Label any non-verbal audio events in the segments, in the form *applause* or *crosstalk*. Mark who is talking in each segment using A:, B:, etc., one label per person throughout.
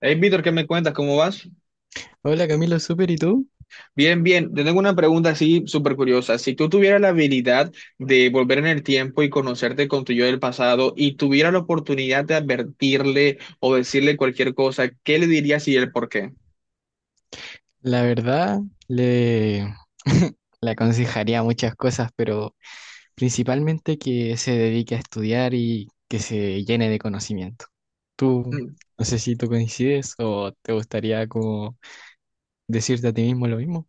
A: Hey, Víctor, ¿qué me cuentas? ¿Cómo vas?
B: Hola Camilo, súper, ¿y tú?
A: Bien, bien. Te tengo una pregunta así súper curiosa. Si tú tuvieras la habilidad de volver en el tiempo y conocerte con tu yo del pasado y tuvieras la oportunidad de advertirle o decirle cualquier cosa, ¿qué le dirías y el por qué?
B: La verdad, le, *laughs* le aconsejaría muchas cosas, pero principalmente que se dedique a estudiar y que se llene de conocimiento. Tú, no sé si tú coincides o te gustaría como decirte a ti mismo lo mismo.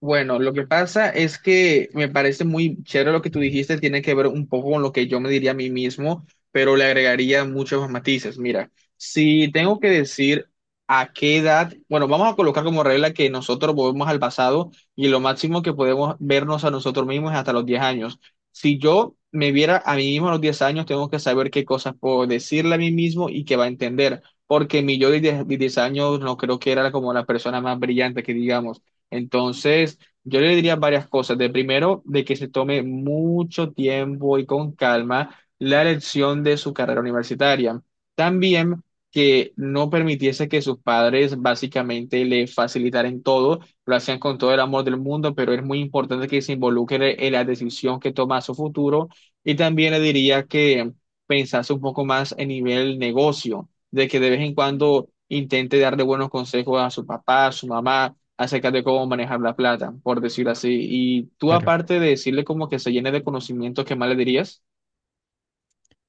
A: Bueno, lo que pasa es que me parece muy chévere lo que tú dijiste, tiene que ver un poco con lo que yo me diría a mí mismo, pero le agregaría muchos más matices. Mira, si tengo que decir a qué edad, bueno, vamos a colocar como regla que nosotros volvemos al pasado y lo máximo que podemos vernos a nosotros mismos es hasta los 10 años. Si yo me viera a mí mismo a los 10 años, tengo que saber qué cosas puedo decirle a mí mismo y que va a entender, porque mi yo de 10 años no creo que era como la persona más brillante que digamos entonces, yo le diría varias cosas. De primero, de que se tome mucho tiempo y con calma la elección de su carrera universitaria. También que no permitiese que sus padres básicamente le facilitaran todo, lo hacían con todo el amor del mundo, pero es muy importante que se involucre en la decisión que toma a su futuro. Y también le diría que pensase un poco más en nivel negocio, de que de vez en cuando intente darle buenos consejos a su papá, a su mamá acerca de cómo manejar la plata, por decirlo así. Y tú,
B: Claro.
A: aparte de decirle como que se llene de conocimientos, ¿qué más le dirías?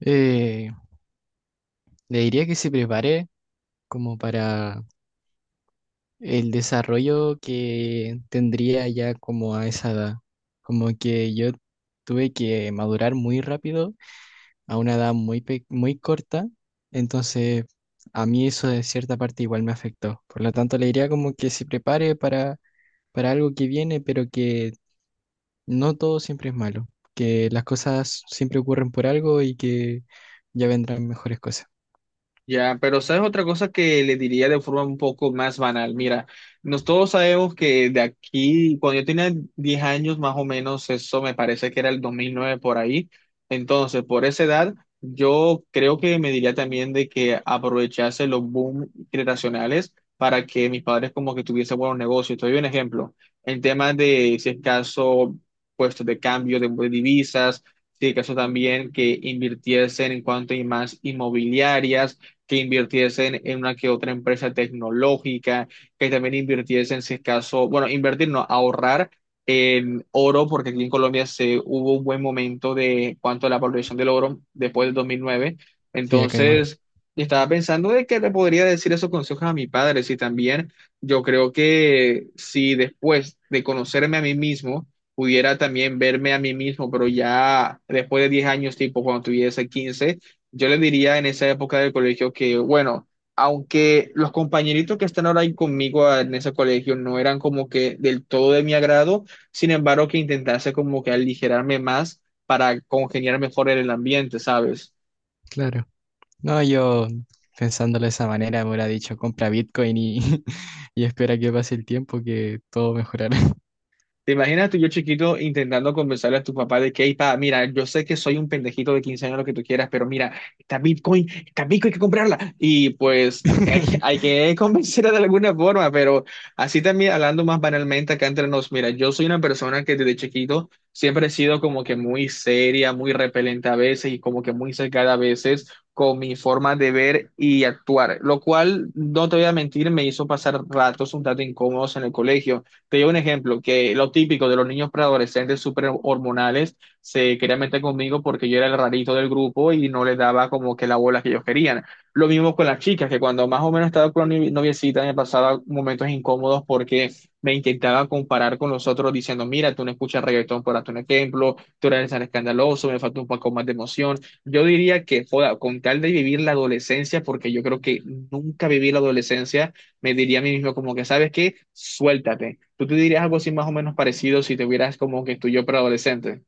B: Eh, le diría que se prepare como para el desarrollo que tendría ya como a esa edad. Como que yo tuve que madurar muy rápido a una edad muy corta, entonces a mí eso de cierta parte igual me afectó. Por lo tanto, le diría como que se prepare para algo que viene, pero que no todo siempre es malo, que las cosas siempre ocurren por algo y que ya vendrán mejores cosas.
A: Ya, pero ¿sabes otra cosa que le diría de forma un poco más banal? Mira, nos todos sabemos que de aquí, cuando yo tenía 10 años más o menos, eso me parece que era el 2009 por ahí. Entonces, por esa edad, yo creo que me diría también de que aprovechase los boom generacionales para que mis padres como que tuviesen buenos negocios. Te doy un ejemplo. En temas de, si es caso, puestos de cambio de divisas, si es caso también que invirtiesen en cuanto a más inmobiliarias que invirtiesen en una que otra empresa tecnológica, que también invirtiesen, si es caso, bueno, invertir, no, ahorrar en oro, porque aquí en Colombia se hubo un buen momento de cuanto a la valoración del oro después del 2009.
B: Sí, acá igual,
A: Entonces, estaba pensando de que le podría decir esos consejos a mi padre, si también yo creo que si después de conocerme a mí mismo, pudiera también verme a mí mismo, pero ya después de 10 años, tipo cuando tuviese quince, yo le diría en esa época del colegio que, bueno, aunque los compañeritos que están ahora ahí conmigo ah, en ese colegio no eran como que del todo de mi agrado, sin embargo que intentase como que aligerarme más para congeniar mejor en el ambiente, ¿sabes?
B: claro. No, yo pensándolo de esa manera me hubiera dicho compra Bitcoin *laughs* y espera que pase el tiempo que todo mejorará.
A: ¿Te imaginas tú, yo chiquito, intentando convencerle a tu papá de que, "Ey, pa, mira, yo sé que soy un pendejito de 15 años, lo que tú quieras, pero mira, está Bitcoin, hay que comprarla"? Y pues hay,
B: *laughs*
A: hay que *laughs* convencerla de alguna forma, pero así también, hablando más banalmente acá entre nos, mira, yo soy una persona que desde chiquito siempre he sido como que muy seria, muy repelente a veces y como que muy cercada a veces con mi forma de ver y actuar, lo cual, no te voy a mentir, me hizo pasar ratos un tanto incómodos en el colegio. Te doy un ejemplo, que lo típico de los niños preadolescentes súper hormonales se querían meter conmigo porque yo era el rarito del grupo y no les daba como que la bola que ellos querían. Lo mismo con las chicas, que cuando más o menos estaba con la noviecita me pasaba momentos incómodos porque me intentaba comparar con los otros diciendo, mira, tú no escuchas reggaetón, por darte un ejemplo, tú eres tan escandaloso, me falta un poco más de emoción. Yo diría que, joda, con tal de vivir la adolescencia, porque yo creo que nunca viví la adolescencia, me diría a mí mismo como que, ¿sabes qué? Suéltate. ¿Tú te dirías algo así más o menos parecido si te hubieras como que tu yo preadolescente?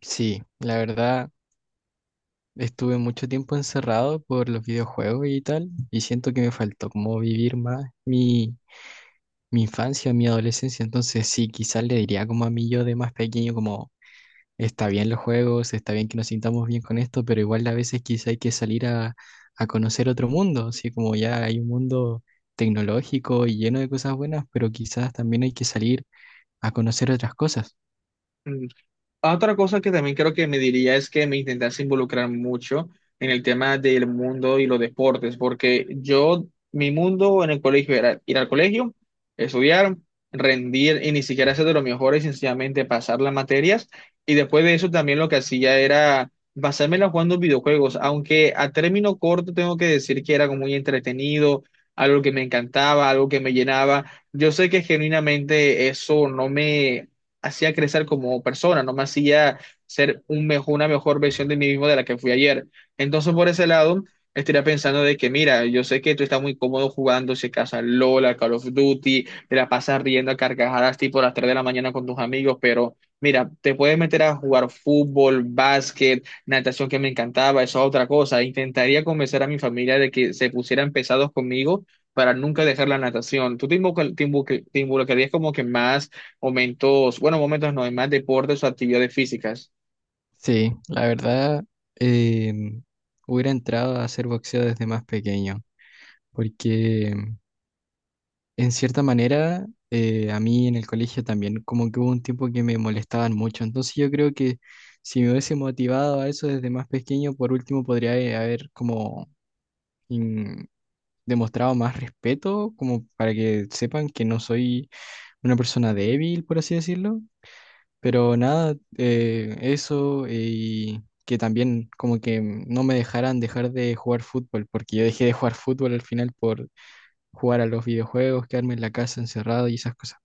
B: Sí, la verdad. Estuve mucho tiempo encerrado por los videojuegos y tal, y siento que me faltó como vivir más mi infancia, mi adolescencia. Entonces sí, quizás le diría como a mí yo de más pequeño, como está bien los juegos, está bien que nos sintamos bien con esto, pero igual a veces quizá hay que salir a conocer otro mundo, así como ya hay un mundo tecnológico y lleno de cosas buenas, pero quizás también hay que salir a conocer otras cosas.
A: Ah, otra cosa que también creo que me diría es que me intentase involucrar mucho en el tema del mundo y los deportes, porque yo, mi mundo en el colegio era ir al colegio, estudiar, rendir y ni siquiera ser de los mejores, sencillamente pasar las materias. Y después de eso también lo que hacía era basármela jugando videojuegos, aunque a término corto tengo que decir que era como muy entretenido, algo que me encantaba, algo que me llenaba. Yo sé que genuinamente eso no me hacía crecer como persona, no me hacía ser un mejor, una mejor versión de mí mismo de la que fui ayer. Entonces, por ese lado, estaría pensando de que, mira, yo sé que tú estás muy cómodo jugando, si acaso al LOL, al Call of Duty, te la pasas riendo a carcajadas tipo a las 3 de la mañana con tus amigos, pero mira, te puedes meter a jugar fútbol, básquet, natación que me encantaba, eso es otra cosa. Intentaría convencer a mi familia de que se pusieran pesados conmigo para nunca dejar la natación. ¿Tú te involucrarías como que más momentos, bueno, momentos no, en más deportes o actividades físicas?
B: Sí, la verdad, em, hubiera entrado a hacer boxeo desde más pequeño. Porque en cierta manera a mí en el colegio también como que hubo un tiempo que me molestaban mucho, entonces yo creo que si me hubiese motivado a eso desde más pequeño, por último podría haber como in- demostrado más respeto, como para que sepan que no soy una persona débil, por así decirlo, pero nada, eso y... que también como que no me dejaran dejar de jugar fútbol, porque yo dejé de jugar fútbol al final por jugar a los videojuegos, quedarme en la casa encerrado y esas cosas.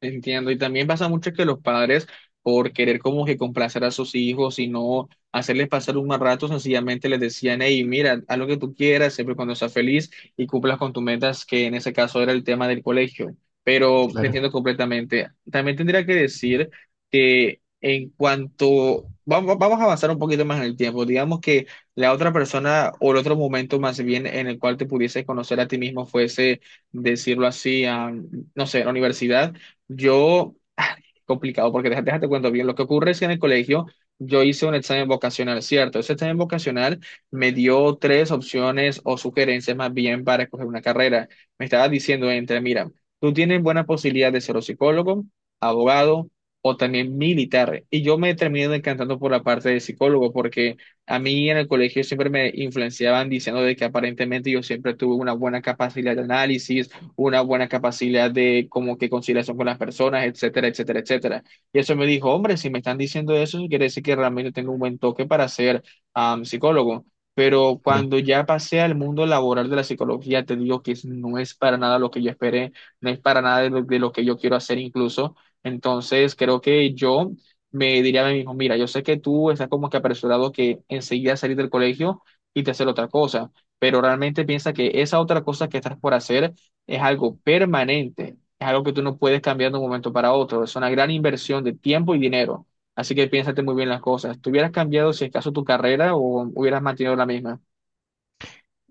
A: Entiendo, y también pasa mucho que los padres, por querer como que complacer a sus hijos y no hacerles pasar un mal rato, sencillamente les decían, hey, mira, haz lo que tú quieras, siempre cuando seas feliz y cumplas con tus metas, que en ese caso era el tema del colegio. Pero te
B: Claro,
A: entiendo completamente. También tendría que decir que en cuanto, vamos, vamos a avanzar un poquito más en el tiempo, digamos que la otra persona o el otro momento más bien en el cual te pudieses conocer a ti mismo fuese, decirlo así, a, no sé, la universidad, yo, ah, complicado, porque déjate cuento bien. Lo que ocurre es que en el colegio yo hice un examen vocacional, ¿cierto? Ese examen vocacional me dio tres opciones o sugerencias más bien para escoger una carrera. Me estaba diciendo entre, mira, tú tienes buena posibilidad de ser o psicólogo, abogado o también militar. Y yo me terminé decantando por la parte de psicólogo, porque a mí en el colegio siempre me influenciaban diciendo de que aparentemente yo siempre tuve una buena capacidad de análisis, una buena capacidad de como que conciliación con las personas, etcétera, etcétera, etcétera. Y eso me dijo, hombre, si me están diciendo eso, quiere decir que realmente tengo un buen toque para ser psicólogo. Pero
B: claro, claro.
A: cuando ya pasé al mundo laboral de la psicología, te digo que es- no es para nada lo que yo esperé, no es para nada de lo que yo quiero hacer incluso. Entonces, creo que yo me diría a mí mismo, mira, yo sé que tú estás como que apresurado que enseguida salir del colegio y te hacer otra cosa, pero realmente piensa que esa otra cosa que estás por hacer es algo permanente, es algo que tú no puedes cambiar de un momento para otro, es una gran inversión de tiempo y dinero, así que piénsate muy bien las cosas. ¿Tú hubieras cambiado si acaso tu carrera o hubieras mantenido la misma?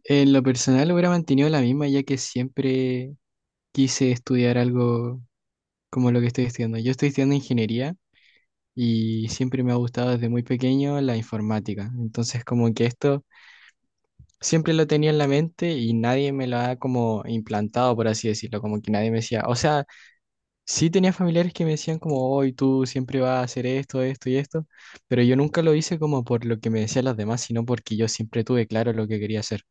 B: En lo personal hubiera mantenido la misma ya que siempre quise estudiar algo como lo que estoy estudiando. Yo estoy estudiando ingeniería y siempre me ha gustado desde muy pequeño la informática. Entonces como que esto siempre lo tenía en la mente y nadie me lo ha como implantado, por así decirlo, como que nadie me decía, o sea, sí tenía familiares que me decían como, hoy tú siempre vas a hacer esto, esto y esto, pero yo nunca lo hice como por lo que me decían los demás, sino porque yo siempre tuve claro lo que quería hacer.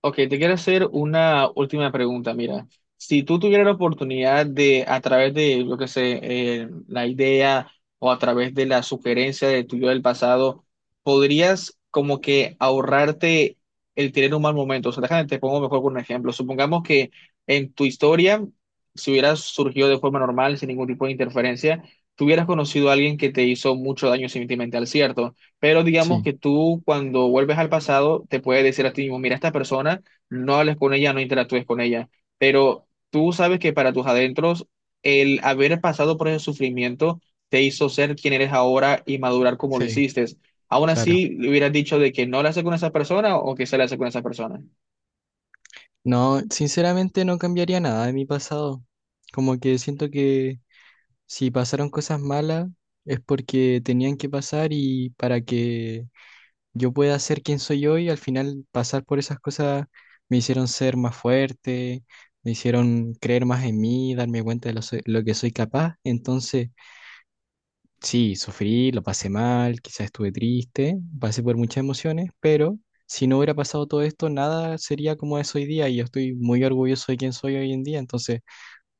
A: Ok, te quiero hacer una última pregunta. Mira, si tú tuvieras la oportunidad de, a través de, lo que sé, la idea o a través de la sugerencia de tuyo del pasado, podrías como que ahorrarte el tener un mal momento. O sea, déjame, te pongo mejor con un ejemplo. Supongamos que en tu historia, si hubieras surgido de forma normal, sin ningún tipo de interferencia, tuvieras conocido a alguien que te hizo mucho daño sentimental, ¿cierto? Pero digamos
B: Sí,
A: que tú cuando vuelves al pasado te puedes decir a ti mismo, mira, esta persona, no hables con ella, no interactúes con ella. Pero tú sabes que para tus adentros, el haber pasado por ese sufrimiento te hizo ser quien eres ahora y madurar como lo
B: sí,
A: hiciste. Aún
B: claro.
A: así, ¿le hubieras dicho de que no la hace con esa persona o que se la hace con esa persona?
B: No, sinceramente no cambiaría nada de mi pasado. Como que siento que si pasaron cosas malas es porque tenían que pasar y para que yo pueda ser quien soy hoy, al final pasar por esas cosas me hicieron ser más fuerte, me hicieron creer más en mí, darme cuenta de lo que soy capaz. Entonces, sí, sufrí, lo pasé mal, quizás estuve triste, pasé por muchas emociones, pero si no hubiera pasado todo esto, nada sería como es hoy día y yo estoy muy orgulloso de quién soy hoy en día, entonces,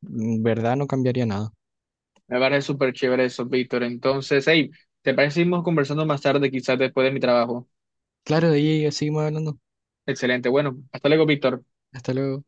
B: en verdad no cambiaría nada.
A: Me parece súper chévere eso, Víctor. Entonces, hey, ¿te parece que seguimos conversando más tarde, quizás después de mi trabajo?
B: Claro, de ahí seguimos hablando.
A: Excelente. Bueno, hasta luego, Víctor.
B: Hasta luego.